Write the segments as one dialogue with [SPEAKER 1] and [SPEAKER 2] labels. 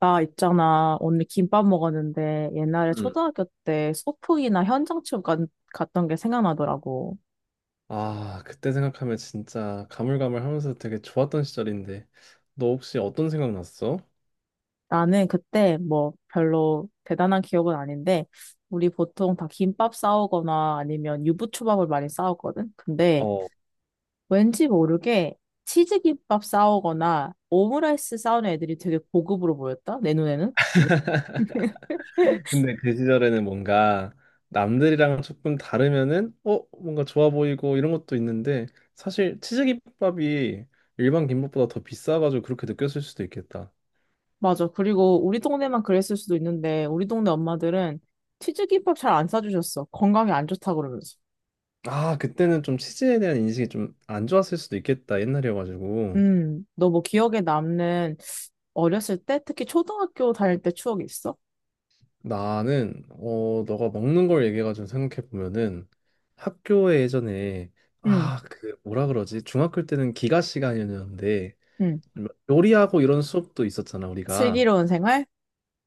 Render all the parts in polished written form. [SPEAKER 1] 나 있잖아. 오늘 김밥 먹었는데 옛날에
[SPEAKER 2] 음.
[SPEAKER 1] 초등학교 때 소풍이나 현장 체험 갔던 게 생각나더라고.
[SPEAKER 2] 아, 그때 생각하면 진짜 가물가물하면서 되게 좋았던 시절인데. 너 혹시 어떤 생각 났어?
[SPEAKER 1] 나는 그때 뭐 별로 대단한 기억은 아닌데 우리 보통 다 김밥 싸오거나 아니면 유부초밥을 많이 싸웠거든. 근데
[SPEAKER 2] 어,
[SPEAKER 1] 왠지 모르게 치즈김밥 싸오거나 오므라이스 싸우는 애들이 되게 고급으로 보였다. 내 눈에는.
[SPEAKER 2] 근데 그 시절에는 뭔가 남들이랑 조금 다르면은 뭔가 좋아 보이고 이런 것도 있는데 사실 치즈김밥이 일반 김밥보다 더 비싸가지고 그렇게 느꼈을 수도 있겠다.
[SPEAKER 1] 맞아. 그리고 우리 동네만 그랬을 수도 있는데, 우리 동네 엄마들은 튀김밥 잘 안 싸주셨어. 건강에 안 좋다 그러면서.
[SPEAKER 2] 아, 그때는 좀 치즈에 대한 인식이 좀 안 좋았을 수도 있겠다, 옛날이어가지고.
[SPEAKER 1] 너 뭐 기억에 남는 어렸을 때, 특히 초등학교 다닐 때 추억이 있어?
[SPEAKER 2] 나는 너가 먹는 걸 얘기해가지고 생각해 보면은 학교에 예전에
[SPEAKER 1] 응,
[SPEAKER 2] 아, 그 뭐라 그러지, 중학교 때는 기가 시간이었는데
[SPEAKER 1] 응.
[SPEAKER 2] 뭐 요리하고 이런 수업도 있었잖아 우리가.
[SPEAKER 1] 슬기로운 생활?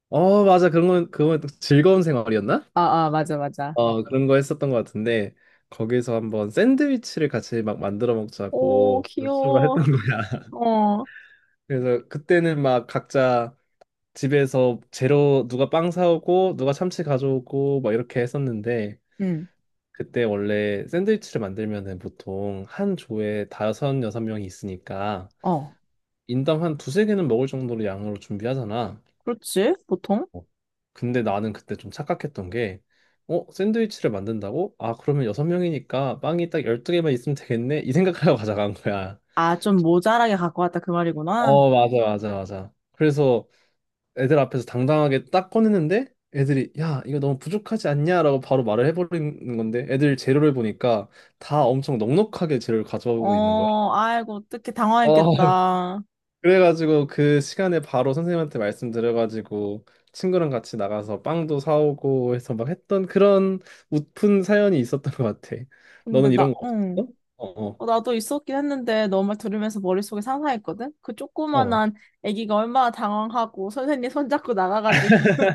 [SPEAKER 2] 어, 맞아. 그런 건 그건 즐거운 생활이었나?
[SPEAKER 1] 아, 아, 맞아, 맞아.
[SPEAKER 2] 어, 그런 거 했었던 것 같은데 거기서 한번 샌드위치를 같이 막 만들어
[SPEAKER 1] 오,
[SPEAKER 2] 먹자고 수업을
[SPEAKER 1] 귀여워.
[SPEAKER 2] 했던 거야.
[SPEAKER 1] 어,
[SPEAKER 2] 그래서 그때는 막 각자 집에서 재료 누가 빵 사오고 누가 참치 가져오고 막 이렇게 했었는데,
[SPEAKER 1] 응,
[SPEAKER 2] 그때 원래 샌드위치를 만들면은 보통 한 조에 다섯, 여섯 명이 있으니까
[SPEAKER 1] 어.
[SPEAKER 2] 인당 한 두 세 개는 먹을 정도로 양으로 준비하잖아.
[SPEAKER 1] 그렇지, 보통?
[SPEAKER 2] 어, 근데 나는 그때 좀 착각했던 게, 어, 샌드위치를 만든다고? 아, 그러면 여섯 명이니까 빵이 딱 열두 개만 있으면 되겠네? 이 생각하고 가져간 거야.
[SPEAKER 1] 아, 좀 모자라게 갖고 왔다 그 말이구나.
[SPEAKER 2] 어, 맞아, 맞아, 맞아. 그래서 애들 앞에서 당당하게 딱 꺼냈는데 애들이, 야, 이거 너무 부족하지 않냐? 라고 바로 말을 해버리는 건데, 애들 재료를 보니까 다 엄청 넉넉하게 재료를 가져오고 있는 거야.
[SPEAKER 1] 어, 아이고, 어떻게
[SPEAKER 2] 어,
[SPEAKER 1] 당황했겠다.
[SPEAKER 2] 그래가지고 그 시간에 바로 선생님한테 말씀드려가지고 친구랑 같이 나가서 빵도 사오고 해서 막 했던 그런 웃픈 사연이 있었던 것 같아.
[SPEAKER 1] 근데
[SPEAKER 2] 너는
[SPEAKER 1] 나,
[SPEAKER 2] 이런 거
[SPEAKER 1] 응.
[SPEAKER 2] 없었어? 어,
[SPEAKER 1] 어, 나도 있었긴 했는데 너 말 들으면서 머릿속에 상상했거든? 그
[SPEAKER 2] 어. 어.
[SPEAKER 1] 조그만한 아기가 얼마나 당황하고 선생님 손잡고 나가가지고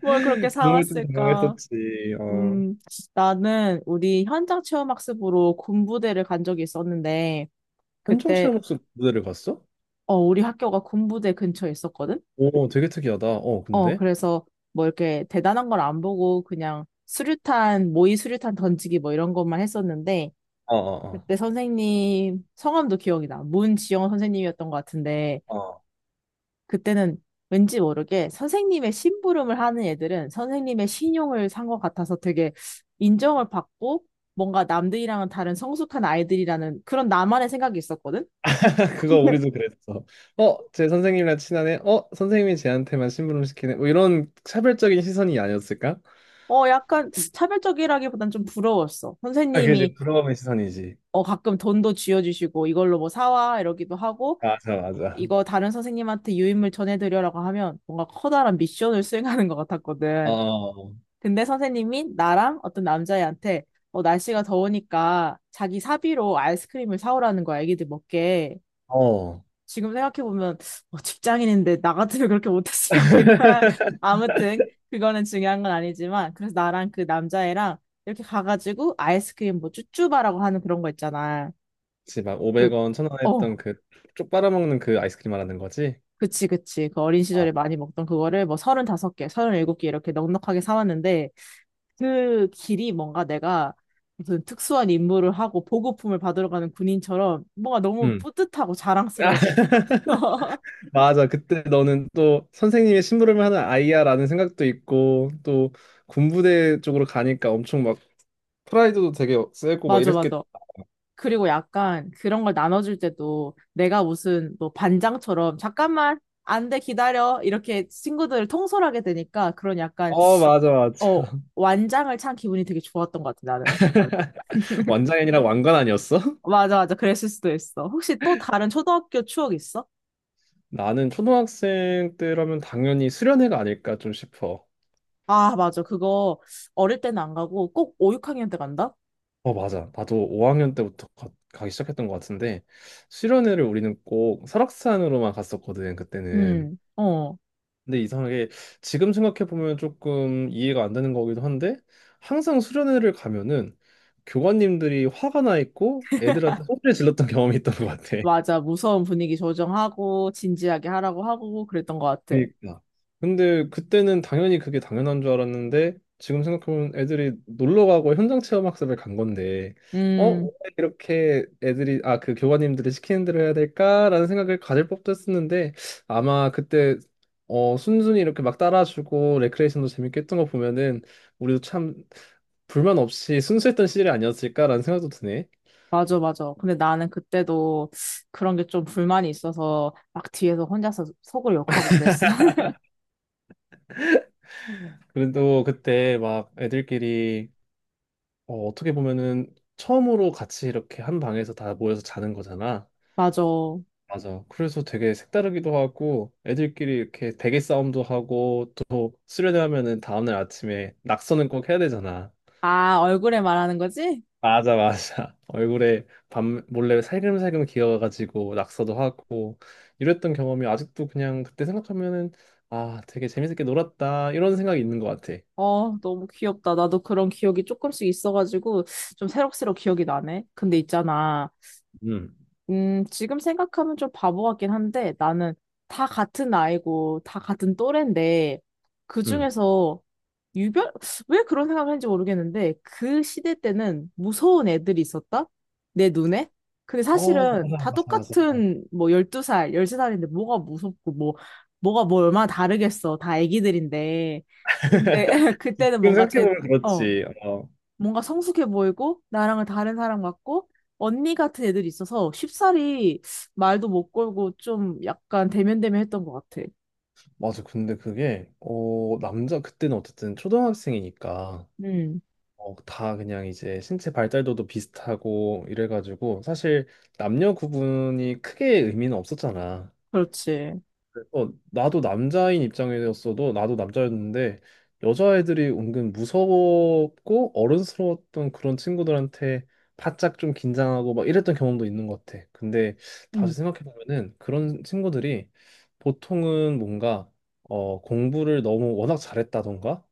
[SPEAKER 1] 뭘 그렇게
[SPEAKER 2] 정말 좀
[SPEAKER 1] 사왔을까?
[SPEAKER 2] 당황했었지. 어.
[SPEAKER 1] 음, 나는 우리 현장 체험학습으로 군부대를 간 적이 있었는데
[SPEAKER 2] 현정
[SPEAKER 1] 그때
[SPEAKER 2] 씨가 목소리 무대를 갔어?
[SPEAKER 1] 어, 우리 학교가 군부대 근처에 있었거든?
[SPEAKER 2] 오, 되게 특이하다. 어,
[SPEAKER 1] 어,
[SPEAKER 2] 근데?
[SPEAKER 1] 그래서 뭐 이렇게 대단한 걸 안 보고 그냥 수류탄, 모의 수류탄 던지기 뭐 이런 것만 했었는데
[SPEAKER 2] 어, 어,
[SPEAKER 1] 그때 선생님 성함도 기억이 나. 문지영 선생님이었던 것 같은데
[SPEAKER 2] 어. 어.
[SPEAKER 1] 그때는 왠지 모르게 선생님의 심부름을 하는 애들은 선생님의 신용을 산 것 같아서 되게 인정을 받고 뭔가 남들이랑은 다른 성숙한 아이들이라는 그런 나만의 생각이 있었거든?
[SPEAKER 2] 그거 우리도 그랬어. 어, 제 선생님이랑 친하네. 어, 선생님이 쟤한테만 심부름 시키네. 뭐 이런 차별적인 시선이 아니었을까?
[SPEAKER 1] 어, 약간 차별적이라기보단 좀 부러웠어.
[SPEAKER 2] 아, 그지.
[SPEAKER 1] 선생님이
[SPEAKER 2] 부러움의 시선이지.
[SPEAKER 1] 가끔 돈도 쥐어주시고 이걸로 뭐 사와 이러기도 하고
[SPEAKER 2] 맞아, 맞아.
[SPEAKER 1] 이거 다른 선생님한테 유인물 전해드려라고 하면 뭔가 커다란 미션을 수행하는 것 같았거든.
[SPEAKER 2] 어,
[SPEAKER 1] 근데 선생님이 나랑 어떤 남자애한테 날씨가 더우니까 자기 사비로 아이스크림을 사오라는 거야, 애기들 먹게.
[SPEAKER 2] 어.
[SPEAKER 1] 지금 생각해보면 직장인인데 나 같으면 그렇게 못했을 것 같긴 해. 아무튼 그거는 중요한 건 아니지만 그래서 나랑 그 남자애랑 이렇게 가가지고 아이스크림 뭐 쭈쭈바라고 하는 그런 거 있잖아.
[SPEAKER 2] 그치, 막
[SPEAKER 1] 그,
[SPEAKER 2] 500원, 1000원 했던
[SPEAKER 1] 어,
[SPEAKER 2] 그, 쪽 빨아먹는 그 아이스크림 말하는 거지?
[SPEAKER 1] 그치, 그치. 그 어린
[SPEAKER 2] 아,
[SPEAKER 1] 시절에 많이 먹던 그거를 뭐 35개 37개 이렇게 넉넉하게 사왔는데 그 길이 뭔가 내가 무슨 특수한 임무를 하고 보급품을 받으러 가는 군인처럼 뭔가 너무
[SPEAKER 2] 음.
[SPEAKER 1] 뿌듯하고 자랑스러웠던 기억이 있어.
[SPEAKER 2] 아, 맞아. 그때 너는 또 선생님의 심부름을 하는 아이야라는 생각도 있고, 또 군부대 쪽으로 가니까 엄청 막 프라이드도 되게 세고 막
[SPEAKER 1] 맞아,
[SPEAKER 2] 이랬겠.
[SPEAKER 1] 맞아. 그리고 약간 그런 걸 나눠줄 때도 내가 무슨 뭐 반장처럼 잠깐만 안돼 기다려 이렇게 친구들을 통솔하게 되니까 그런 약간
[SPEAKER 2] 어, 맞아,
[SPEAKER 1] 어
[SPEAKER 2] 맞아.
[SPEAKER 1] 완장을 찬 기분이 되게 좋았던 것 같아 나는.
[SPEAKER 2] 완장애니랑 왕관 아니었어?
[SPEAKER 1] 맞아, 맞아. 그랬을 수도 있어. 혹시 또 다른 초등학교 추억 있어?
[SPEAKER 2] 나는 초등학생 때라면 당연히 수련회가 아닐까 좀 싶어.
[SPEAKER 1] 아, 맞아. 그거 어릴 때는 안 가고 꼭 5, 6학년 때 간다?
[SPEAKER 2] 어, 맞아. 나도 5학년 때부터 가기 시작했던 것 같은데, 수련회를 우리는 꼭 설악산으로만 갔었거든, 그때는.
[SPEAKER 1] 어,
[SPEAKER 2] 근데 이상하게 지금 생각해보면 조금 이해가 안 되는 거기도 한데, 항상 수련회를 가면은 교관님들이 화가 나 있고 애들한테 소리를 질렀던 경험이 있던 것 같아.
[SPEAKER 1] 맞아. 무서운 분위기 조정하고, 진지하게 하라고 하고, 그랬던 것 같아.
[SPEAKER 2] 그러니까. 근데 그때는 당연히 그게 당연한 줄 알았는데 지금 생각하면 애들이 놀러 가고 현장 체험 학습을 간 건데, 어? 왜
[SPEAKER 1] 음,
[SPEAKER 2] 이렇게 애들이 아, 그 교관님들이 시키는 대로 해야 될까라는 생각을 가질 법도 했었는데 아마 그때 순순히 이렇게 막 따라주고 레크레이션도 재밌게 했던 거 보면은 우리도 참 불만 없이 순수했던 시절이 아니었을까라는 생각도 드네.
[SPEAKER 1] 맞아, 맞아. 근데 나는 그때도 그런 게 좀 불만이 있어서, 막 뒤에서 혼자서 속을 욕하고 그랬어.
[SPEAKER 2] 그래도 그때 막 애들끼리 어, 어떻게 보면은 처음으로 같이 이렇게 한 방에서 다 모여서 자는 거잖아.
[SPEAKER 1] 맞아.
[SPEAKER 2] 맞아. 그래서 되게 색다르기도 하고 애들끼리 이렇게 베개 싸움도 하고 또 수련회 하면은 다음날 아침에 낙서는 꼭 해야 되잖아.
[SPEAKER 1] 아, 얼굴에 말하는 거지?
[SPEAKER 2] 맞아, 맞아. 얼굴에 밤 몰래 살금살금 기어가지고 낙서도 하고 이랬던 경험이 아직도 그냥 그때 생각하면은 아, 되게 재밌게 놀았다, 이런 생각이 있는 것 같아.
[SPEAKER 1] 어, 너무 귀엽다. 나도 그런 기억이 조금씩 있어가지고, 좀 새록새록 기억이 나네. 근데 있잖아.
[SPEAKER 2] 음,
[SPEAKER 1] 지금 생각하면 좀 바보 같긴 한데 나는 다 같은 나이고 다 같은 또래인데
[SPEAKER 2] 음.
[SPEAKER 1] 그중에서 유별 왜 그런 생각을 했는지 모르겠는데 그 시대 때는 무서운 애들이 있었다? 내 눈에? 근데
[SPEAKER 2] 어,
[SPEAKER 1] 사실은
[SPEAKER 2] 맞아,
[SPEAKER 1] 다
[SPEAKER 2] 맞아, 맞아. 어.
[SPEAKER 1] 똑같은 뭐 12살, 13살인데 뭐가 무섭고 뭐 뭐가 뭐 얼마나 다르겠어. 다 애기들인데. 근데 그때는
[SPEAKER 2] 지금
[SPEAKER 1] 뭔가 제
[SPEAKER 2] 생각해보면
[SPEAKER 1] 어.
[SPEAKER 2] 그렇지. 어,
[SPEAKER 1] 뭔가 성숙해 보이고 나랑은 다른 사람 같고 언니 같은 애들이 있어서 쉽사리 말도 못 걸고 좀 약간 대면대면했던 것 같아.
[SPEAKER 2] 맞아. 근데 그게 남자 그때는 어쨌든 초등학생이니까
[SPEAKER 1] 음,
[SPEAKER 2] 어, 다 그냥 이제 신체 발달도도 비슷하고 이래가지고 사실 남녀 구분이 크게 의미는 없었잖아.
[SPEAKER 1] 그렇지.
[SPEAKER 2] 그, 어, 나도 남자인 입장이었어도 나도 남자였는데 여자애들이 은근 무서웠고 어른스러웠던 그런 친구들한테 바짝 좀 긴장하고 막 이랬던 경험도 있는 것 같아. 근데 다시
[SPEAKER 1] 음.
[SPEAKER 2] 생각해 보면은 그런 친구들이 보통은 뭔가 어, 공부를 너무 워낙 잘했다던가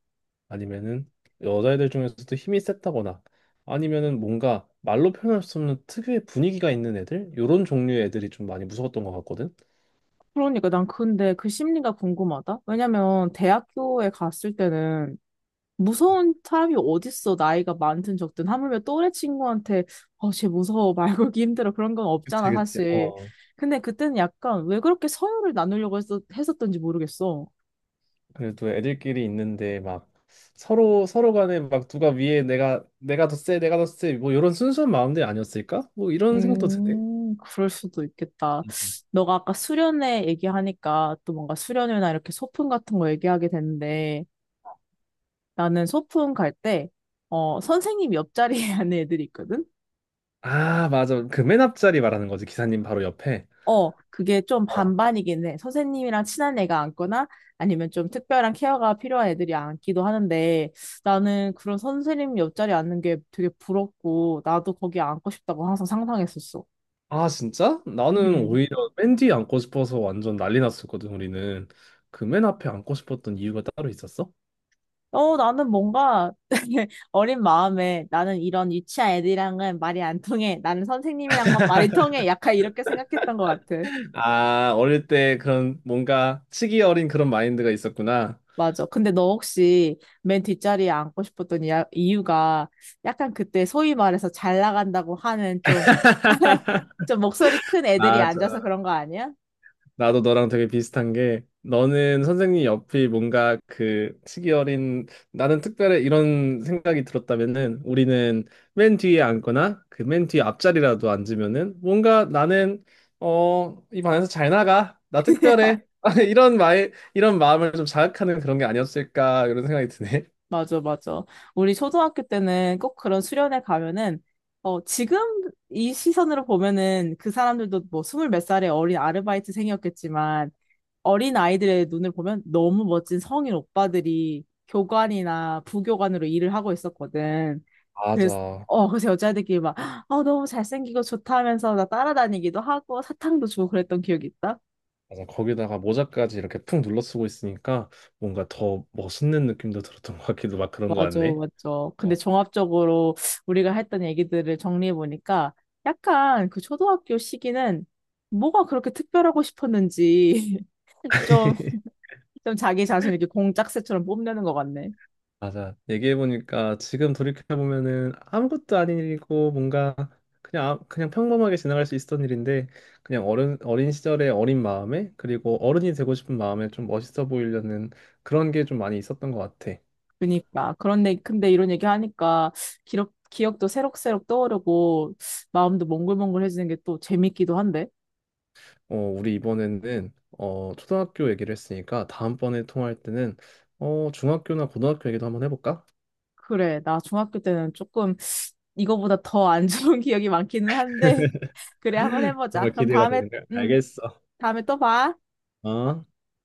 [SPEAKER 2] 아니면은 여자애들 중에서도 힘이 셌다거나 아니면은 뭔가 말로 표현할 수 없는 특유의 분위기가 있는 애들, 이런 종류의 애들이 좀 많이 무서웠던 것 같거든.
[SPEAKER 1] 그러니까 난 근데 그 심리가 궁금하다. 왜냐면 대학교에 갔을 때는 무서운 사람이 어딨어. 나이가 많든 적든 하물며 또래 친구한테 어, 쟤 무서워. 말 걸기 힘들어. 그런 건
[SPEAKER 2] 그치,
[SPEAKER 1] 없잖아,
[SPEAKER 2] 그치.
[SPEAKER 1] 사실.
[SPEAKER 2] 어.
[SPEAKER 1] 근데 그때는 약간 왜 그렇게 서열을 나누려고 했었던지 모르겠어.
[SPEAKER 2] 그래도 애들끼리 있는데 막 서로 서로 간에 막 누가 위에 내가 더 세, 내가 더 세, 뭐 이런 순수한 마음들이 아니었을까? 뭐 이런 생각도 드네.
[SPEAKER 1] 그럴 수도 있겠다.
[SPEAKER 2] 음, 음.
[SPEAKER 1] 너가 아까 수련회 얘기하니까 또 뭔가 수련회나 이렇게 소풍 같은 거 얘기하게 되는데 나는 소풍 갈 때, 선생님 옆자리에 앉는 애들이 있거든?
[SPEAKER 2] 아, 맞아. 그 맨 앞자리 말하는 거지. 기사님 바로 옆에.
[SPEAKER 1] 어, 그게 좀
[SPEAKER 2] 어,
[SPEAKER 1] 반반이긴 해. 선생님이랑 친한 애가 앉거나 아니면 좀 특별한 케어가 필요한 애들이 앉기도 하는데 나는 그런 선생님 옆자리에 앉는 게 되게 부럽고 나도 거기 앉고 싶다고 항상 상상했었어.
[SPEAKER 2] 아, 진짜? 나는
[SPEAKER 1] 음.
[SPEAKER 2] 오히려 맨 뒤에 앉고 싶어서 완전 난리 났었거든, 우리는. 그 맨 앞에 앉고 싶었던 이유가 따로 있었어?
[SPEAKER 1] 나는 뭔가 어린 마음에 나는 이런 유치한 애들이랑은 말이 안 통해. 나는 선생님이랑만 말이 통해. 약간 이렇게 생각했던 것 같아.
[SPEAKER 2] 아, 어릴 때 그런 뭔가 치기 어린 그런 마인드가 있었구나.
[SPEAKER 1] 맞아. 근데 너 혹시 맨 뒷자리에 앉고 싶었던 이유가 약간 그때 소위 말해서 잘 나간다고 하는 좀, 좀 목소리 큰 애들이 앉아서
[SPEAKER 2] 맞아.
[SPEAKER 1] 그런 거 아니야?
[SPEAKER 2] 나도 너랑 되게 비슷한 게, 너는 선생님 옆이 뭔가 그 시기 어린 나는 특별히 이런 생각이 들었다면은 우리는 맨 뒤에 앉거나 그 맨 뒤에 앞자리라도 앉으면은 뭔가 나는 이 반에서 잘 나가, 나 특별해, 이런 말 이런 마음을 좀 자극하는 그런 게 아니었을까, 이런 생각이 드네.
[SPEAKER 1] 맞아, 맞아. 우리 초등학교 때는 꼭 그런 수련회 가면은, 지금 이 시선으로 보면은 그 사람들도 뭐 스물 몇 살의 어린 아르바이트생이었겠지만, 어린 아이들의 눈을 보면 너무 멋진 성인 오빠들이 교관이나 부교관으로 일을 하고 있었거든. 그래서,
[SPEAKER 2] 맞아.
[SPEAKER 1] 그래서, 여자애들끼리 막, 너무 잘생기고 좋다 하면서 나 따라다니기도 하고 사탕도 주고 그랬던 기억이 있다.
[SPEAKER 2] 맞아. 거기다가 모자까지 이렇게 푹 눌러 쓰고 있으니까 뭔가 더 멋있는 느낌도 들었던 것 같기도 막 그런 것
[SPEAKER 1] 맞죠,
[SPEAKER 2] 같네.
[SPEAKER 1] 맞죠. 근데
[SPEAKER 2] 어.
[SPEAKER 1] 종합적으로 우리가 했던 얘기들을 정리해보니까 약간 그 초등학교 시기는 뭐가 그렇게 특별하고 싶었는지 좀, 좀 자기 자신을 이렇게 공작새처럼 뽐내는 것 같네.
[SPEAKER 2] 맞아. 얘기해보니까 지금 돌이켜보면은 아무것도 아닌 일이고 뭔가 그냥, 아- 그냥 평범하게 지나갈 수 있었던 일인데 그냥 어른, 어린 시절의 어린 마음에 그리고 어른이 되고 싶은 마음에 좀 멋있어 보이려는 그런 게 좀 많이 있었던 것 같아.
[SPEAKER 1] 그니까. 그런데, 근데 이런 얘기 하니까 기억도 새록새록 떠오르고 마음도 몽글몽글해지는 게 또 재밌기도 한데.
[SPEAKER 2] 어, 우리 이번에는 어, 초등학교 얘기를 했으니까 다음번에 통화할 때는 어, 중학교나 고등학교 얘기도 한번 해볼까?
[SPEAKER 1] 그래, 나 중학교 때는 조금 이거보다 더 안 좋은 기억이 많기는 한데. 그래, 한번 해보자.
[SPEAKER 2] 정말
[SPEAKER 1] 그럼
[SPEAKER 2] 기대가
[SPEAKER 1] 다음에,
[SPEAKER 2] 되는 거야.
[SPEAKER 1] 음,
[SPEAKER 2] 알겠어.
[SPEAKER 1] 다음에 또 봐.
[SPEAKER 2] 어?